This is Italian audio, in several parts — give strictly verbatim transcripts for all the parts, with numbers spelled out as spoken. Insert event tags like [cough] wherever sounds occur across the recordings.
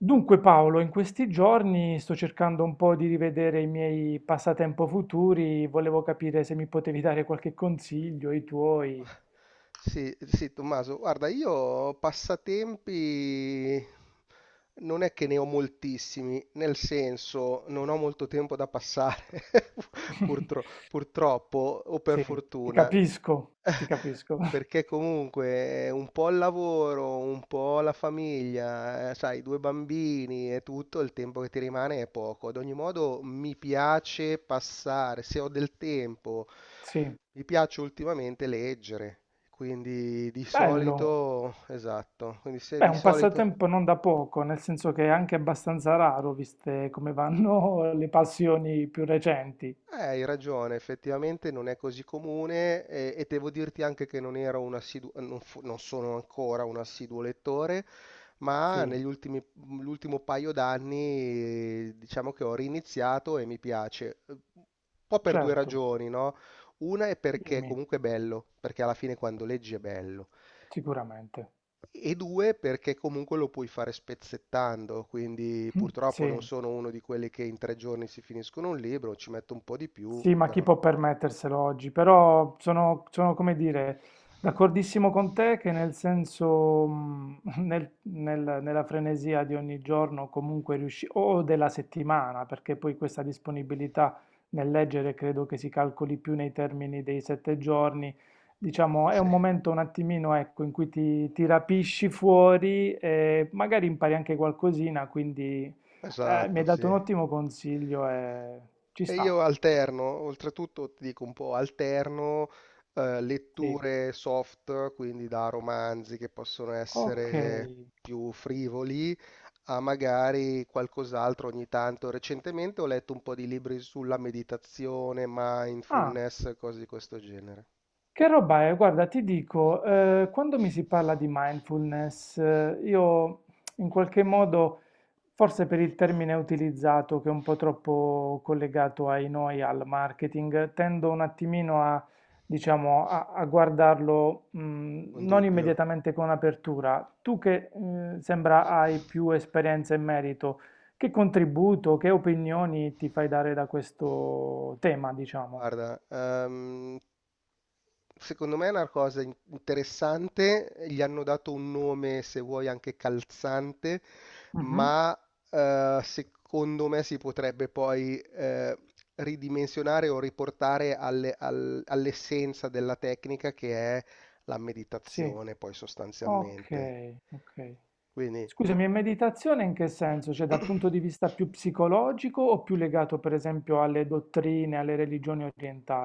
Dunque Paolo, in questi giorni sto cercando un po' di rivedere i miei passatempo futuri, volevo capire se mi potevi dare qualche consiglio, i tuoi. Sì, sì, Tommaso, guarda, io passatempi non è che ne ho moltissimi, nel senso non ho molto tempo da passare, [laughs] purtro- [laughs] purtroppo o per Sì, ti fortuna, capisco, ti [laughs] capisco. [laughs] perché comunque eh, un po' il lavoro, un po' la famiglia, eh, sai, due bambini e tutto, il tempo che ti rimane è poco. Ad ogni modo mi piace passare, se ho del tempo, Sì, mi piace ultimamente leggere. Quindi di Bello. bello. Solito, esatto, quindi se Beh, di un solito, passatempo non da poco, nel senso che è anche abbastanza raro, viste come vanno [laughs] le passioni più recenti. eh, hai ragione, effettivamente non è così comune e, e devo dirti anche che non ero un assiduo, non, fu- non sono ancora un assiduo lettore, ma Sì, negli ultimi, l'ultimo paio d'anni eh, diciamo che ho riniziato e mi piace. Un po' per due certo, ragioni, no? Una è perché dimmi, comunque è bello, perché alla fine quando leggi è bello. sicuramente. E due, perché comunque lo puoi fare spezzettando, quindi [laughs] purtroppo non Sì. sono uno di quelli che in tre giorni si finiscono un libro, ci metto un po' di più, Sì, ma chi però può permetterselo oggi? Però sono, sono, come dire, d'accordissimo con te che nel senso, mh, [laughs] nel- nel- nella frenesia di ogni giorno comunque riusci, o della settimana, perché poi questa disponibilità nel leggere credo che si calcoli più nei termini dei sette giorni, diciamo, è sì, un [laughs] momento un attimino, ecco, in cui ti, ti rapisci fuori e magari impari anche qualcosina, quindi eh, mi esatto, hai dato sì. un ottimo consiglio e ci E sta, io alterno, oltretutto ti dico un po', alterno eh, sì. letture soft, quindi da romanzi che possono Ok. essere più frivoli, a magari qualcos'altro ogni tanto. Recentemente ho letto un po' di libri sulla meditazione, Ah, mindfulness, cose di questo genere. che roba è? Guarda, ti dico, eh, quando mi si parla di mindfulness, eh, io in qualche modo, forse per il termine utilizzato, che è un po' troppo collegato ai noi, al marketing, tendo un attimino a, diciamo, a, a guardarlo, mh, Un non dubbio. immediatamente con apertura. Tu che, eh, sembra hai più esperienza in merito, che contributo, che opinioni ti fai dare da questo tema, diciamo? Guarda, ehm, secondo me è una cosa in- interessante, gli hanno dato un nome, se vuoi, anche calzante, Mh-mh. ma eh, secondo me si potrebbe poi eh, ridimensionare o riportare alle- al- all'essenza della tecnica che è la Sì, meditazione, poi sostanzialmente. okay, okay. Quindi... Scusami, e meditazione in che senso? Cioè dal punto di [clears throat] vista più psicologico o più legato per esempio alle dottrine, alle religioni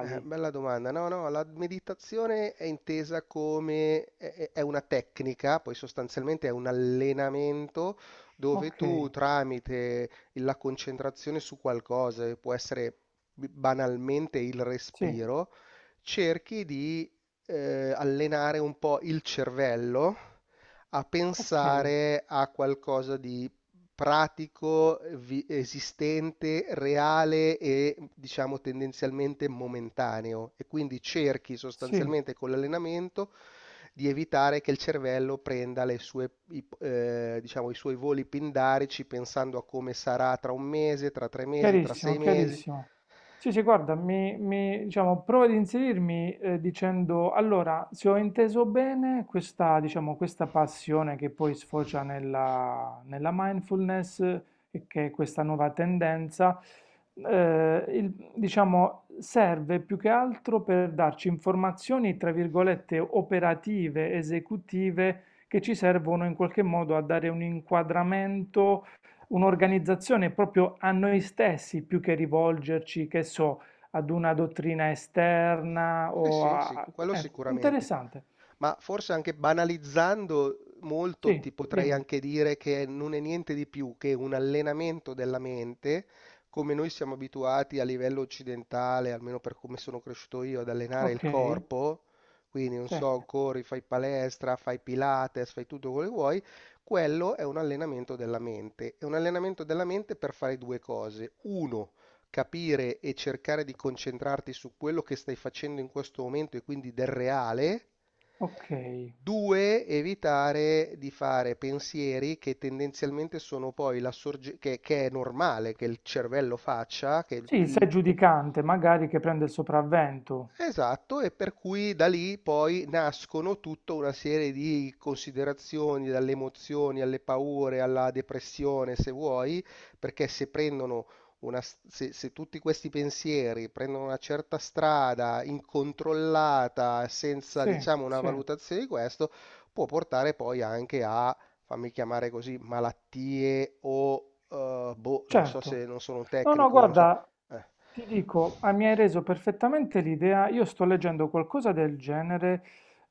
Eh, Bella domanda. No, no, la meditazione è intesa come è è- è una tecnica, poi sostanzialmente è un allenamento dove tu Okay, tramite la concentrazione su qualcosa, che può essere banalmente il sì, respiro, cerchi di eh, allenare un po' il cervello a okay, pensare a qualcosa pratico, vi- esistente, reale e diciamo tendenzialmente momentaneo e quindi cerchi sì. sostanzialmente con l'allenamento di evitare che il cervello prenda le sue, i, eh, diciamo, i suoi voli pindarici pensando a come sarà tra un mese, tra tre mesi, tra Chiarissimo, sei mesi. chiarissimo. Sì, sì, guarda, mi, mi- diciamo, prova ad inserirmi eh, dicendo, allora, se ho inteso bene, questa, diciamo, questa passione che poi sfocia nella, nella mindfulness, eh, e che è questa nuova tendenza, eh, il- diciamo, serve più che altro per darci informazioni, tra virgolette, operative, esecutive, che ci servono in qualche modo a dare un inquadramento un'organizzazione proprio a noi stessi più che rivolgerci, che so, ad una dottrina esterna Eh o sì, sì, a... quello È sicuramente. interessante. Ma forse anche banalizzando molto Sì, ti potrei dimmi. anche dire che non è niente di più che un allenamento della mente, come noi siamo abituati a livello occidentale, almeno per come sono cresciuto io, ad allenare Ok, il corpo. Quindi, non sì, so, corri, fai palestra, fai pilates, fai tutto quello che vuoi. Quello è un allenamento della mente. È un allenamento della mente per fare due cose. Uno, capire e cercare di concentrarti su quello che stai facendo in questo momento e quindi del reale. ok. Due, evitare di fare pensieri che tendenzialmente sono poi la sorge- che, che è normale che il cervello faccia, che il- Sì, il sé il- giudicante, magari che prende il sopravvento. esatto, e per cui da lì poi nascono tutta una serie di considerazioni, dalle emozioni alle paure, alla depressione, se vuoi, perché se prendono una, s- se, se tutti questi pensieri prendono una certa strada incontrollata, senza, Sì, diciamo, una sì, valutazione di questo, può portare poi anche a, fammi chiamare così, malattie o, eh, boh, non so, certo. se non sono un No, no, tecnico, non so. guarda, Eh. ti dico, ah, mi hai reso perfettamente l'idea. Io sto leggendo qualcosa del genere,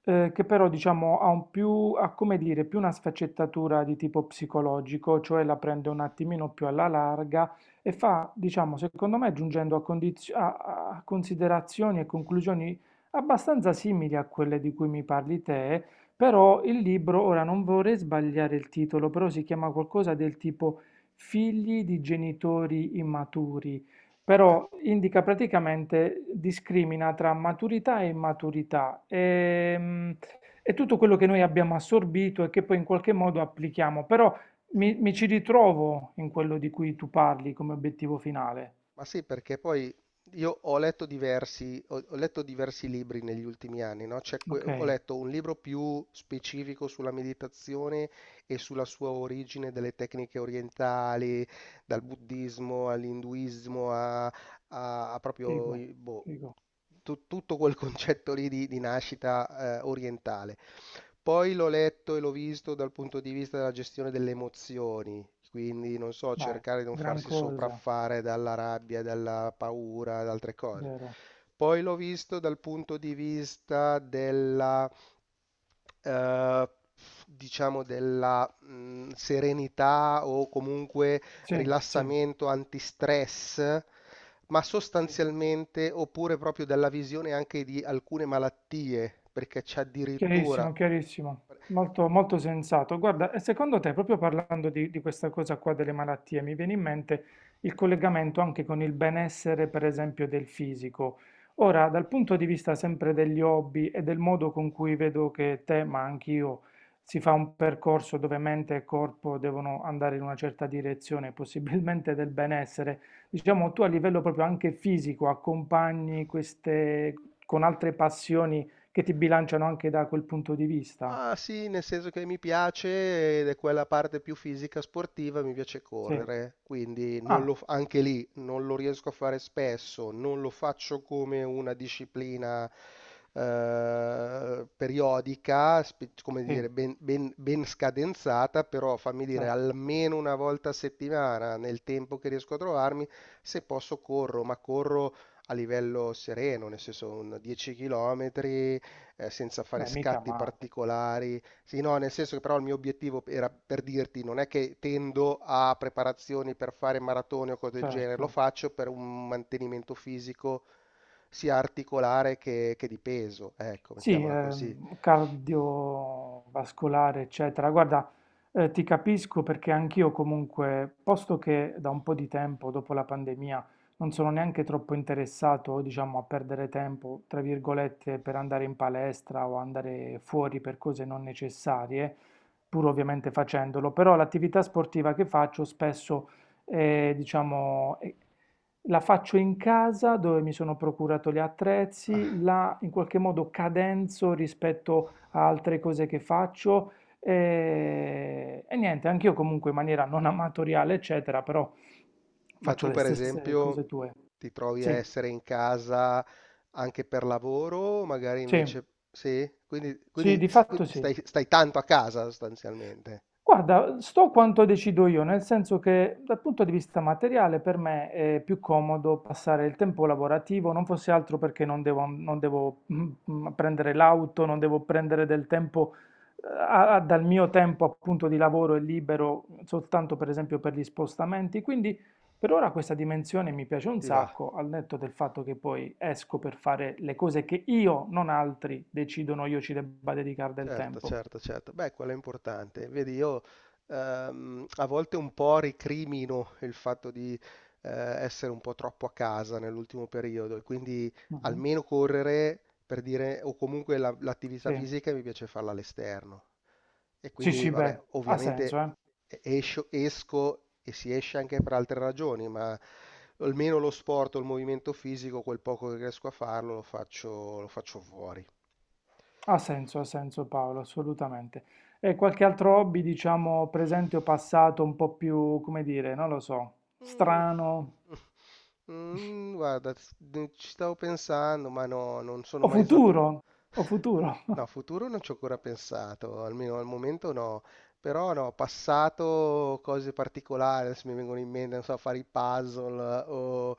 eh, che però diciamo ha un più, ha come dire, più una sfaccettatura di tipo psicologico, cioè la prende un attimino più alla larga e fa, diciamo, secondo me giungendo a, condizio- a a considerazioni e conclusioni abbastanza simili a quelle di cui mi parli te, però il libro, ora non vorrei sbagliare il titolo, però si chiama qualcosa del tipo figli di genitori immaturi, però indica praticamente, discrimina tra maturità e immaturità. Ehm, è tutto quello che noi abbiamo assorbito e che poi in qualche modo applichiamo, però mi, mi, ci ritrovo in quello di cui tu parli come obiettivo finale. Ma sì, perché poi io ho letto diversi, ho, ho letto diversi libri negli ultimi anni, no? C'è que- Ok, ho letto un libro più specifico sulla meditazione e sulla sua origine delle tecniche orientali, dal buddismo all'induismo a, a- a proprio figo, boh, figo, tu- tutto quel [laughs] concetto lì di, di nascita eh, orientale. Poi l'ho letto e l'ho visto dal punto di vista della gestione delle emozioni, quindi non so, vai, cercare di non gran farsi cosa, sopraffare dalla rabbia, dalla paura, da altre cose. vero? Poi l'ho visto dal punto di vista della, eh, diciamo, della mh, serenità o comunque Sì, sì, rilassamento, antistress, ma sì. sostanzialmente oppure proprio dalla visione anche di alcune malattie, perché c'è addirittura... Chiarissimo, chiarissimo, molto, molto sensato. Guarda, e secondo te, proprio parlando di, di questa cosa qua delle malattie, mi viene in mente il collegamento anche con il benessere, per esempio, del fisico. Ora, dal punto di vista sempre degli hobby e del modo con cui vedo che te, ma anch'io, si fa un percorso dove mente e corpo devono andare in una certa direzione, possibilmente del benessere, diciamo tu a livello proprio anche fisico accompagni queste con altre passioni che ti bilanciano anche da quel punto di vista? Ma sì, nel senso che mi piace ed è quella parte più fisica sportiva, mi piace Sì. correre, quindi non Ah, lo- anche lì non lo riesco a fare spesso, non lo faccio come una disciplina eh, periodica, spe- come sì, dire, ben, ben- ben scadenzata, però fammi dire certo. almeno una volta a settimana nel tempo che riesco a trovarmi, se posso corro, ma corro a livello sereno, nel senso un dieci chilometri eh, senza fare Beh, mica scatti male, particolari. Sì, no, nel senso che però il mio obiettivo era per dirti, non è che tendo a preparazioni per fare maratone o cose del genere, lo certo. faccio per un mantenimento fisico sia articolare che, che di peso, ecco, Sì, mettiamola così. ehm, cardiovascolare, eccetera. Guarda, eh, ti capisco perché anch'io comunque, posto che da un po' di tempo, dopo la pandemia, non sono neanche troppo interessato, diciamo, a perdere tempo, tra virgolette, per andare in palestra o andare fuori per cose non necessarie, pur ovviamente facendolo, però l'attività sportiva che faccio spesso, eh, diciamo, è la faccio in casa dove mi sono procurato gli attrezzi, Ah, la in qualche modo cadenzo rispetto a altre cose che faccio e, e niente, anch'io comunque in maniera non amatoriale, eccetera, però ma faccio tu, le per stesse cose esempio, tue. ti trovi a Sì, essere in casa anche per lavoro, magari sì, invece sì, quindi, sì, quindi- di fatto quindi sì. stai, stai tanto a casa sostanzialmente, Guarda, sto quanto decido io, nel senso che dal punto di vista materiale per me è più comodo passare il tempo lavorativo, non fosse altro perché non devo, non devo, mm, mm, prendere l'auto, non devo prendere del tempo, eh, a- a- dal mio tempo appunto di lavoro e libero soltanto per esempio per gli spostamenti. Quindi per ora questa dimensione mi piace un ti va? sacco, al netto del fatto che poi esco per fare le cose che io, non altri, decidono io ci debba dedicare del Certo, tempo. certo, certo. Beh, quello è importante. Vedi, io ehm, a volte un po' recrimino il fatto di eh, essere un po' troppo a casa nell'ultimo periodo e quindi Mhm. almeno correre per dire, o comunque la- l'attività Sì. fisica mi piace farla all'esterno. E Sì, quindi, sì, vabbè, beh, ha senso, ovviamente eh. e- escio- esco e si esce anche per altre ragioni, ma almeno lo sport o il movimento fisico, quel poco che riesco a farlo, lo faccio, lo faccio fuori. Ha senso, ha senso Paolo, assolutamente. E qualche altro hobby, diciamo, presente o passato, un po' più, come dire, non lo so, Mm, strano Mm, guarda, s- ne- ci stavo pensando, ma no, non sono o mai stato... futuro? O [laughs] futuro? [laughs] No, futuro non ci ho ancora pensato, almeno al momento no. Però no, passato cose particolari, adesso mi vengono in mente, non so, fare i puzzle o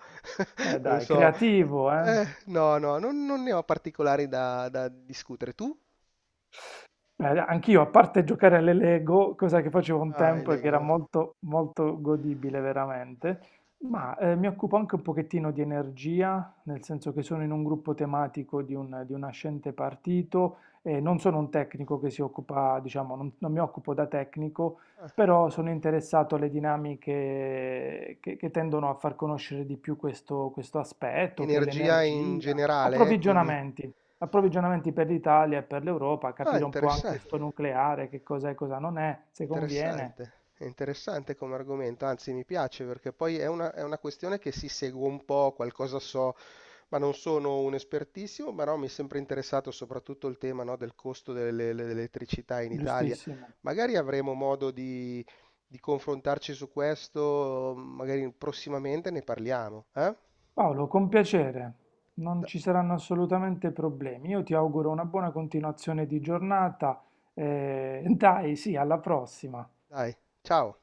Beh, [laughs] non dai, so... creativo, eh. Eh, no, no, non, non ne ho particolari da, da discutere. Tu? Beh, anch'io, a parte giocare alle Lego, cosa che facevo un Ah, i tempo e che era Lego. molto, molto godibile veramente, ma eh, mi occupo anche un pochettino di energia, nel senso che sono in un gruppo tematico di un, di un, nascente partito e non sono un tecnico che si occupa, diciamo, non, non, mi occupo da tecnico, Ah, però sono interessato alle dinamiche che, che tendono a far conoscere di più questo, questo aspetto, che è energia in l'energia, generale, eh, quindi... approvvigionamenti approvvigionamenti per l'Italia e per l'Europa, Ah, capire un po' anche sto nucleare, che cos'è e cosa non è, se conviene. interessante, è interessante come argomento, anzi mi piace perché poi è una, è una questione che si segue un po', qualcosa so, ma non sono un espertissimo, ma no, mi è sempre interessato soprattutto il tema, no, del costo delle- dell'elettricità in Italia. Giustissimo. Magari avremo modo di, di confrontarci su questo, magari prossimamente ne parliamo, eh? Paolo, con piacere. Non Da- ci saranno assolutamente problemi. Io ti auguro una buona continuazione di giornata. eh, [laughs] dai, sì, alla prossima. Dai, ciao!